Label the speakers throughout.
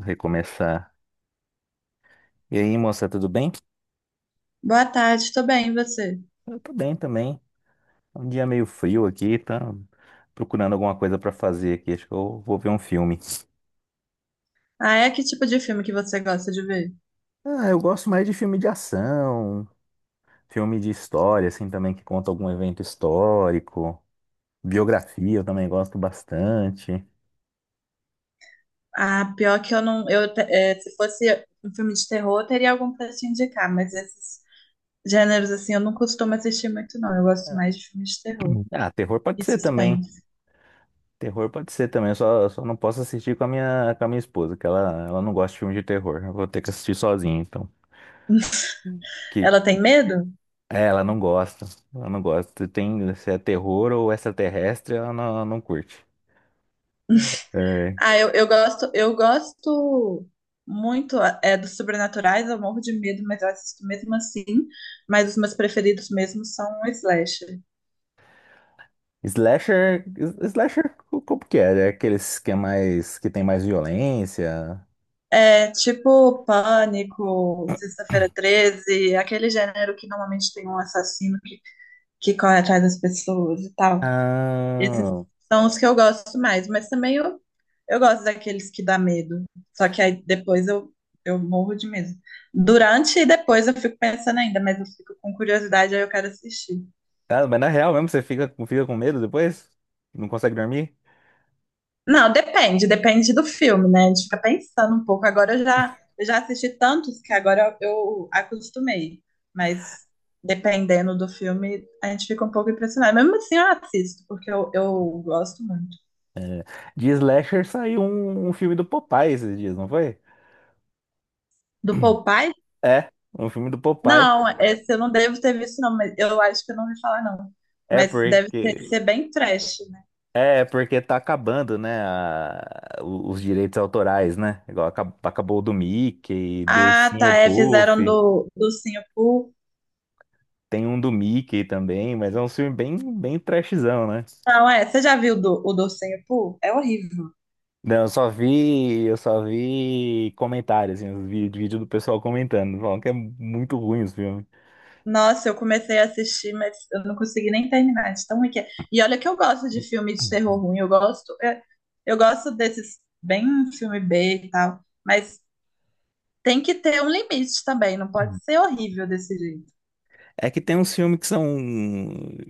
Speaker 1: Recomeçar. E aí, moça, tudo bem?
Speaker 2: Boa tarde, tô bem, e você?
Speaker 1: Eu tô bem também. Um dia meio frio aqui, tá procurando alguma coisa pra fazer aqui. Acho que eu vou ver um filme.
Speaker 2: Ah, é que tipo de filme que você gosta de ver?
Speaker 1: Ah, eu gosto mais de filme de ação, filme de história, assim, também que conta algum evento histórico. Biografia eu também gosto bastante.
Speaker 2: Ah, pior que eu não. Se fosse um filme de terror, eu teria algum pra te indicar, mas esses gêneros assim eu não costumo assistir muito, não. Eu gosto mais de filmes de terror
Speaker 1: Ah, terror pode
Speaker 2: e
Speaker 1: ser também.
Speaker 2: suspense.
Speaker 1: Terror pode ser também. Eu só não posso assistir com a minha esposa, que ela não gosta de filme de terror. Eu vou ter que assistir sozinho, então. Que
Speaker 2: Ela tem medo?
Speaker 1: é, ela não gosta. Ela não gosta. Tem, se é terror ou extraterrestre, ela não curte. É.
Speaker 2: Ah, eu gosto, eu gosto muito dos sobrenaturais, eu morro de medo, mas eu assisto mesmo assim. Mas os meus preferidos mesmo são o slasher.
Speaker 1: Slasher, slasher, como que é? É aqueles que é mais, que tem mais violência.
Speaker 2: É tipo Pânico, Sexta-feira 13, aquele gênero que normalmente tem um assassino que corre atrás das pessoas e tal. Esses
Speaker 1: Ah,
Speaker 2: são os que eu gosto mais, mas também eu gosto daqueles que dá medo. Só que aí depois eu morro de medo. Durante e depois eu fico pensando ainda, mas eu fico com curiosidade, aí eu quero assistir.
Speaker 1: ah, mas na real mesmo, você fica com medo depois? Não consegue dormir?
Speaker 2: Não, depende, depende do filme, né? A gente fica pensando um pouco. Agora eu já assisti tantos que agora eu acostumei. Mas dependendo do filme, a gente fica um pouco impressionado. Mesmo assim, eu assisto, porque eu gosto muito.
Speaker 1: De slasher saiu um filme do Popeye esses dias, não foi?
Speaker 2: Do Popeye?
Speaker 1: É, um filme do Popeye.
Speaker 2: Não, esse eu não devo ter visto, não. Mas eu acho que eu não ouvi falar, não.
Speaker 1: É
Speaker 2: Mas
Speaker 1: porque
Speaker 2: ser bem trash, né?
Speaker 1: É, porque tá acabando, né, os direitos autorais, né? Igual acabou, o do Mickey, do
Speaker 2: Ah,
Speaker 1: Ursinho
Speaker 2: tá. É,
Speaker 1: Puff,
Speaker 2: fizeram do Ursinho Pooh.
Speaker 1: tem um do Mickey também, mas é um filme bem, bem trashzão, né?
Speaker 2: Não, é. Você já viu do, o do Ursinho Pooh? É horrível.
Speaker 1: Não, eu só vi comentários, assim, os vídeo do pessoal comentando, falando que é muito ruim os filmes.
Speaker 2: Nossa, eu comecei a assistir, mas eu não consegui nem terminar de tão ruim que é. E olha que eu gosto de filme de terror ruim, eu gosto desses bem filme B e tal, mas tem que ter um limite também, não pode ser horrível desse jeito.
Speaker 1: É que tem uns filmes que são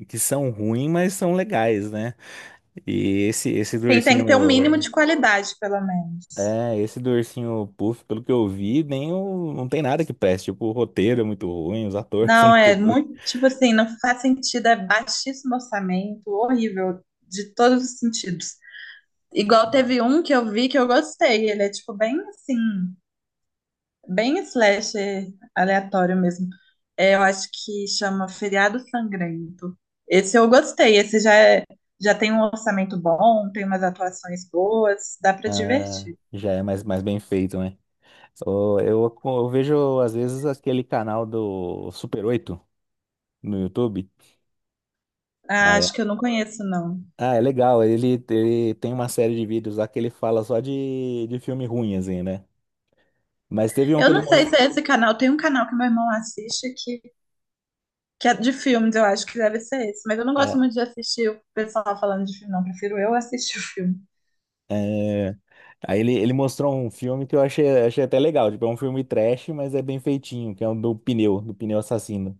Speaker 1: que são ruins, mas são legais, né? E esse do
Speaker 2: Tem, tem que ter um mínimo
Speaker 1: ursinho
Speaker 2: de qualidade, pelo menos.
Speaker 1: é, esse do Ursinho Puff, pelo que eu vi, nem o, não tem nada que preste. Tipo, o roteiro é muito ruim, os atores são
Speaker 2: Não,
Speaker 1: muito
Speaker 2: é
Speaker 1: ruins.
Speaker 2: muito, tipo assim, não faz sentido, é baixíssimo orçamento, horrível, de todos os sentidos. Igual teve um que eu vi que eu gostei, ele é tipo bem assim, bem slasher aleatório mesmo. É, eu acho que chama Feriado Sangrento. Esse eu gostei. Esse já tem um orçamento bom, tem umas atuações boas, dá pra
Speaker 1: Ah,
Speaker 2: divertir.
Speaker 1: já é mais, mais bem feito, né? Ô, eu vejo, às vezes, aquele canal do Super Oito no YouTube. Ah,
Speaker 2: Ah,
Speaker 1: é,
Speaker 2: acho que eu não conheço, não.
Speaker 1: ah, é legal. Ele tem uma série de vídeos lá que ele fala só de filme ruim, assim, né? Mas teve um que
Speaker 2: Eu
Speaker 1: ele
Speaker 2: não sei
Speaker 1: mostrou.
Speaker 2: se é esse canal. Tem um canal que meu irmão assiste que é de filmes, eu acho que deve ser esse. Mas eu não gosto muito de assistir o pessoal falando de filme, não. Prefiro eu assistir o filme.
Speaker 1: É, aí ele mostrou um filme que eu achei até legal. Tipo, é um filme trash, mas é bem feitinho, que é o do pneu assassino.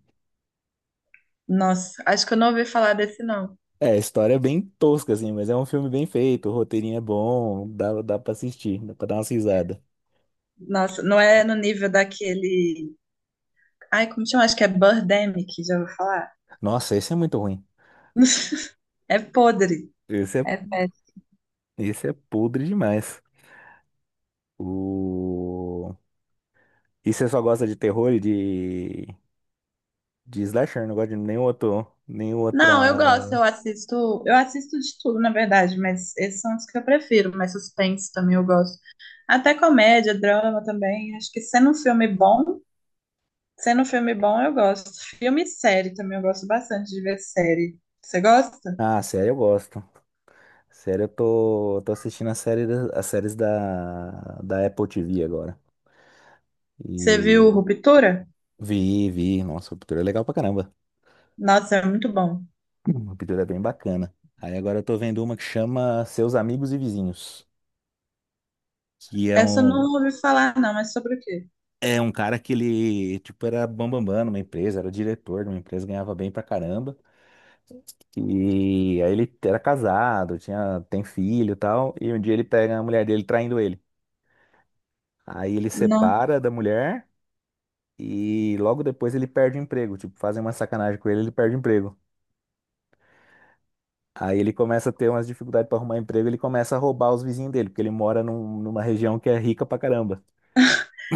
Speaker 2: Nossa, acho que eu não ouvi falar desse, não.
Speaker 1: É, a história é bem tosca, assim, mas é um filme bem feito, o roteirinho é bom, dá pra assistir, dá pra dar umas risadas.
Speaker 2: Nossa, não é no nível daquele. Ai, como chama? Acho que é Birdemic, já vou falar?
Speaker 1: Nossa, esse é muito ruim.
Speaker 2: É podre.
Speaker 1: Esse é,
Speaker 2: É péssimo.
Speaker 1: esse é podre demais. O, e você só gosta de terror e de slasher, não gosta de nenhum outro, nenhum
Speaker 2: Não, eu gosto,
Speaker 1: outra...
Speaker 2: eu assisto de tudo, na verdade, mas esses são os que eu prefiro, mas suspense também eu gosto. Até comédia, drama também. Acho que sendo um filme bom, eu gosto. Filme e série também eu gosto bastante de ver série. Você gosta?
Speaker 1: Ah, sério, eu gosto. Sério, eu tô assistindo a as séries da, da Apple TV agora.
Speaker 2: Você viu
Speaker 1: E
Speaker 2: Ruptura?
Speaker 1: vi, vi. Nossa, a pintura é legal pra caramba.
Speaker 2: Nossa, é muito bom.
Speaker 1: A pintura é bem bacana. Aí agora eu tô vendo uma que chama Seus Amigos e Vizinhos. Que
Speaker 2: Essa eu não ouvi falar, não, mas sobre o quê?
Speaker 1: é um cara que ele, tipo, era bambambam numa empresa, era o diretor de uma empresa, ganhava bem pra caramba. E aí ele era casado, tinha, tem filho e tal. E um dia ele pega a mulher dele traindo ele. Aí ele
Speaker 2: Não.
Speaker 1: separa da mulher. E logo depois ele perde o emprego. Tipo, fazem uma sacanagem com ele, ele perde o emprego. Aí ele começa a ter umas dificuldades para arrumar emprego, ele começa a roubar os vizinhos dele, porque ele mora numa região que é rica pra caramba.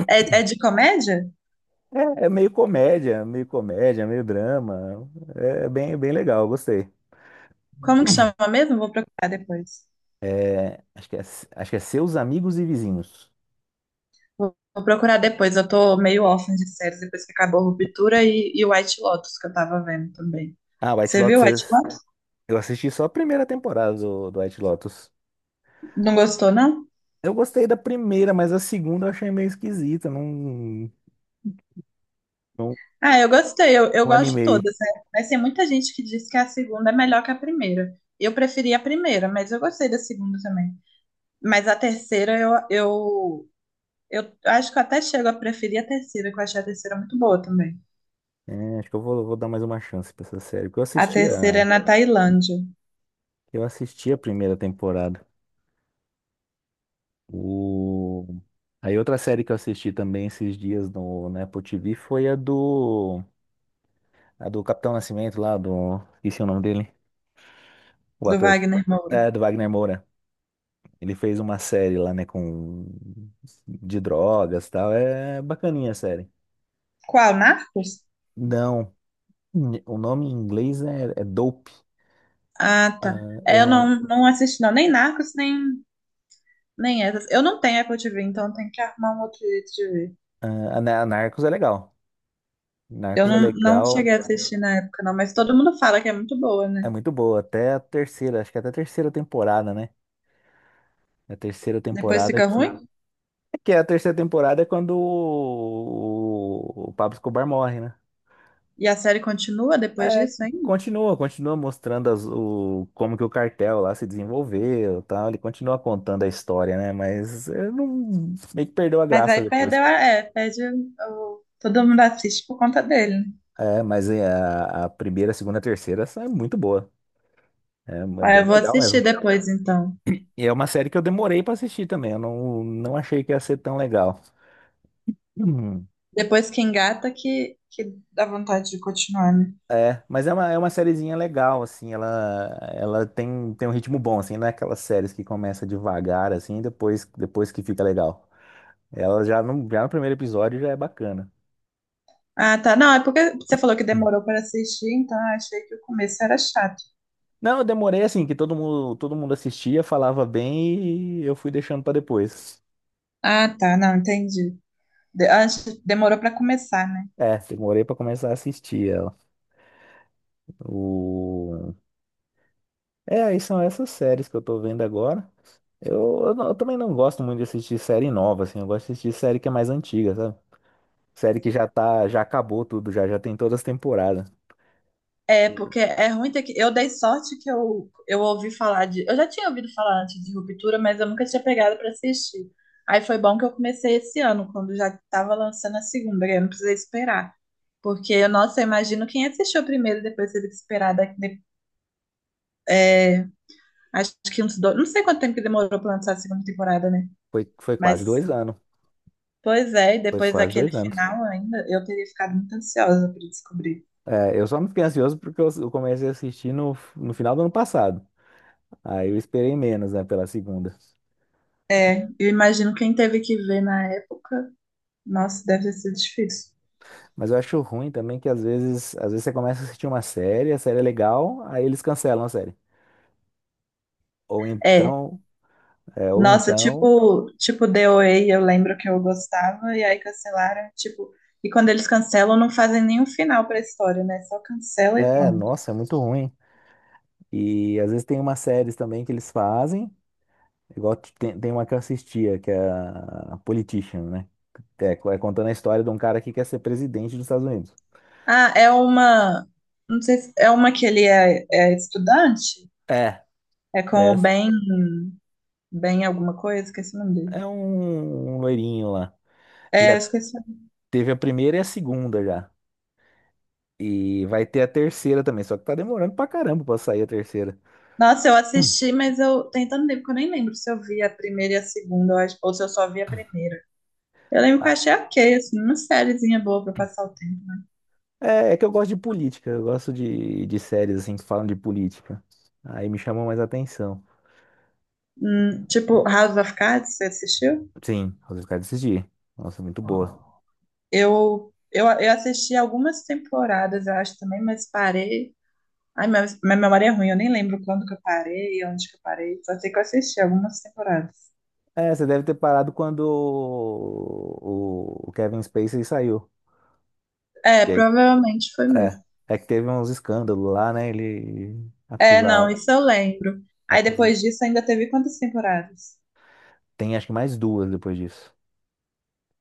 Speaker 2: É, é de comédia?
Speaker 1: É, é meio comédia, meio drama. É bem, bem legal, eu gostei.
Speaker 2: Como que chama mesmo? Vou procurar depois.
Speaker 1: É, acho que é Seus Amigos e Vizinhos.
Speaker 2: Vou procurar depois, eu tô meio órfã de séries depois que acabou Ruptura e White Lotus, que eu tava vendo também.
Speaker 1: Ah, White
Speaker 2: Você viu White
Speaker 1: Lotus.
Speaker 2: Lotus?
Speaker 1: Eu assisti só a primeira temporada do White Lotus.
Speaker 2: Não gostou, não?
Speaker 1: Eu gostei da primeira, mas a segunda eu achei meio esquisita. Não, não,
Speaker 2: Ah, eu gostei, eu
Speaker 1: não
Speaker 2: gosto de
Speaker 1: animei.
Speaker 2: todas, né? Mas tem muita gente que diz que a segunda é melhor que a primeira. Eu preferi a primeira, mas eu gostei da segunda também. Mas a terceira, eu acho que eu até chego a preferir a terceira, que eu achei a terceira muito boa também.
Speaker 1: É, acho que eu vou dar mais uma chance pra essa série. Porque
Speaker 2: A terceira é na Tailândia,
Speaker 1: eu assisti a primeira temporada. O, aí outra série que eu assisti também esses dias no, na Apple TV foi a do Capitão Nascimento lá, do... Esqueci o nome dele, o
Speaker 2: do
Speaker 1: ator.
Speaker 2: Wagner Moura.
Speaker 1: É, do Wagner Moura. Ele fez uma série lá, né, com... De drogas e tal. É bacaninha a série.
Speaker 2: Qual? Narcos?
Speaker 1: Não, o nome em inglês é Dope.
Speaker 2: Ah, tá.
Speaker 1: Ah, eu
Speaker 2: É, eu
Speaker 1: não...
Speaker 2: não, não assisti, não. Nem Narcos, nem essas. Eu não tenho Apple TV, então tem que arrumar um outro jeito de ver.
Speaker 1: Ah, a Narcos é legal.
Speaker 2: Eu
Speaker 1: Narcos é
Speaker 2: não, não
Speaker 1: legal.
Speaker 2: cheguei a assistir na época, não. Mas todo mundo fala que é muito boa,
Speaker 1: É
Speaker 2: né?
Speaker 1: muito boa, até a terceira, acho que até a terceira temporada, né? É a terceira
Speaker 2: Depois
Speaker 1: temporada
Speaker 2: fica
Speaker 1: que.
Speaker 2: ruim.
Speaker 1: É que é a terceira temporada é quando o Pablo Escobar morre, né?
Speaker 2: E a série continua depois
Speaker 1: É,
Speaker 2: disso ainda.
Speaker 1: continua, continua mostrando como que o cartel lá se desenvolveu, e tal. Ele continua contando a história, né? Mas eu não, meio que perdeu a
Speaker 2: Mas
Speaker 1: graça
Speaker 2: aí
Speaker 1: depois.
Speaker 2: perdeu a... É, perde o... Todo mundo assiste por conta dele, né?
Speaker 1: É, mas é, a primeira, a segunda, a terceira são é muito boa. É, é
Speaker 2: Aí
Speaker 1: bem
Speaker 2: eu vou
Speaker 1: legal
Speaker 2: assistir
Speaker 1: mesmo.
Speaker 2: depois, então.
Speaker 1: E é uma série que eu demorei pra assistir também. Eu não, não achei que ia ser tão legal.
Speaker 2: Depois que engata, que dá vontade de continuar, né?
Speaker 1: É, mas é uma sériezinha legal, assim, ela tem, tem um ritmo bom, assim, não é aquelas séries que começa devagar, assim, e depois, depois que fica legal. Ela já no primeiro episódio já é bacana.
Speaker 2: Ah, tá. Não, é porque você falou que
Speaker 1: Hum.
Speaker 2: demorou para assistir, então eu achei que o começo era chato.
Speaker 1: Não, eu demorei, assim, que todo mundo assistia, falava bem e eu fui deixando pra depois.
Speaker 2: Ah, tá, não, entendi. Demorou pra começar, né?
Speaker 1: É, demorei pra começar a assistir ela. O, é, aí são essas séries que eu tô vendo agora. Eu também não gosto muito de assistir série nova, assim, eu gosto de assistir série que é mais antiga, sabe? Série que já tá, já acabou tudo, já, já tem todas as temporadas.
Speaker 2: É, porque é ruim ter que. Eu dei sorte que eu ouvi falar de. Eu já tinha ouvido falar antes de Ruptura, mas eu nunca tinha pegado pra assistir. Aí foi bom que eu comecei esse ano, quando já tava lançando a segunda, que eu não precisei esperar. Porque, nossa, eu imagino quem assistiu primeiro e depois teve que esperar daqui, acho que uns dois. Não sei quanto tempo que demorou pra lançar a segunda temporada, né?
Speaker 1: Foi, foi quase
Speaker 2: Mas,
Speaker 1: dois anos.
Speaker 2: pois é, e
Speaker 1: Foi
Speaker 2: depois
Speaker 1: quase
Speaker 2: daquele
Speaker 1: dois anos.
Speaker 2: final ainda, eu teria ficado muito ansiosa pra descobrir.
Speaker 1: É, eu só não fiquei ansioso porque eu comecei a assistir no final do ano passado. Aí eu esperei menos, né, pela segunda.
Speaker 2: É, eu imagino quem teve que ver na época, nossa, deve ter sido difícil.
Speaker 1: Mas eu acho ruim também que às vezes você começa a assistir uma série, a série é legal, aí eles cancelam a série. Ou
Speaker 2: É,
Speaker 1: então, ou
Speaker 2: nossa,
Speaker 1: então,
Speaker 2: tipo DOA, eu lembro que eu gostava, e aí cancelaram, tipo, e quando eles cancelam, não fazem nenhum final pra história, né? Só cancela e
Speaker 1: é,
Speaker 2: pronto.
Speaker 1: nossa, é muito ruim. E às vezes tem umas séries também que eles fazem, igual tem uma que eu assistia, que é a Politician, né? É, é contando a história de um cara que quer ser presidente dos Estados Unidos.
Speaker 2: Ah, é uma, não sei se, é uma que ele é estudante,
Speaker 1: É,
Speaker 2: é com o
Speaker 1: é,
Speaker 2: Ben, Ben alguma coisa, esqueci o nome dele.
Speaker 1: é um, um loirinho lá, que
Speaker 2: É, eu
Speaker 1: já
Speaker 2: esqueci.
Speaker 1: teve a primeira e a segunda já. E vai ter a terceira também, só que tá demorando pra caramba pra sair a terceira.
Speaker 2: Nossa, eu assisti, mas eu tem tanto tempo que eu nem lembro se eu vi a primeira e a segunda, ou se eu só vi a primeira. Eu lembro que eu
Speaker 1: Ah,
Speaker 2: achei ok, assim, uma sériezinha boa pra passar o tempo.
Speaker 1: é, é que eu gosto de política, eu gosto de séries assim que falam de política. Aí me chamou mais a atenção.
Speaker 2: Tipo, House of Cards, você assistiu?
Speaker 1: Sim, Os Caras Decidir. Nossa, muito boa.
Speaker 2: Eu assisti algumas temporadas, eu acho também, mas parei. Ai, minha memória é ruim, eu nem lembro quando que eu parei, onde que eu parei. Só sei que eu assisti algumas temporadas.
Speaker 1: É, você deve ter parado quando o Kevin Spacey saiu.
Speaker 2: É, provavelmente foi
Speaker 1: É,
Speaker 2: mesmo.
Speaker 1: é que teve uns escândalos lá, né? Ele
Speaker 2: É, não,
Speaker 1: acusar,
Speaker 2: isso eu lembro. Aí
Speaker 1: acus-
Speaker 2: depois disso ainda teve quantas temporadas?
Speaker 1: tem acho que mais duas depois disso,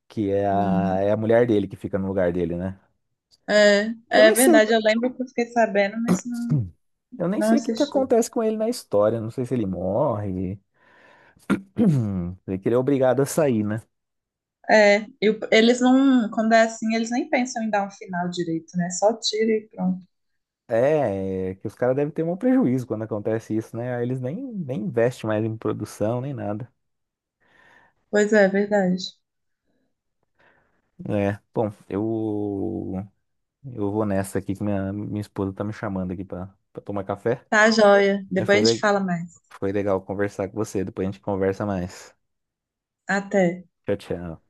Speaker 1: que é a,
Speaker 2: Hum.
Speaker 1: é a mulher dele que fica no lugar dele, né?
Speaker 2: É,
Speaker 1: Eu
Speaker 2: é
Speaker 1: nem sei,
Speaker 2: verdade, eu lembro que eu fiquei sabendo, mas não,
Speaker 1: eu nem
Speaker 2: não
Speaker 1: sei o que que
Speaker 2: assisti.
Speaker 1: acontece com ele na história, não sei se ele morre, sei que ele é obrigado a sair, né?
Speaker 2: É, e eles não, quando é assim, eles nem pensam em dar um final direito, né? Só tira e pronto.
Speaker 1: É, é que os caras devem ter um prejuízo quando acontece isso, né? Aí eles nem, nem investem mais em produção, nem nada.
Speaker 2: Pois é, é verdade.
Speaker 1: É, bom, eu vou nessa aqui que minha esposa tá me chamando aqui pra, pra tomar café.
Speaker 2: Tá, joia.
Speaker 1: Mas
Speaker 2: Depois a gente fala mais.
Speaker 1: foi legal conversar com você. Depois a gente conversa mais.
Speaker 2: Até.
Speaker 1: Tchau, tchau.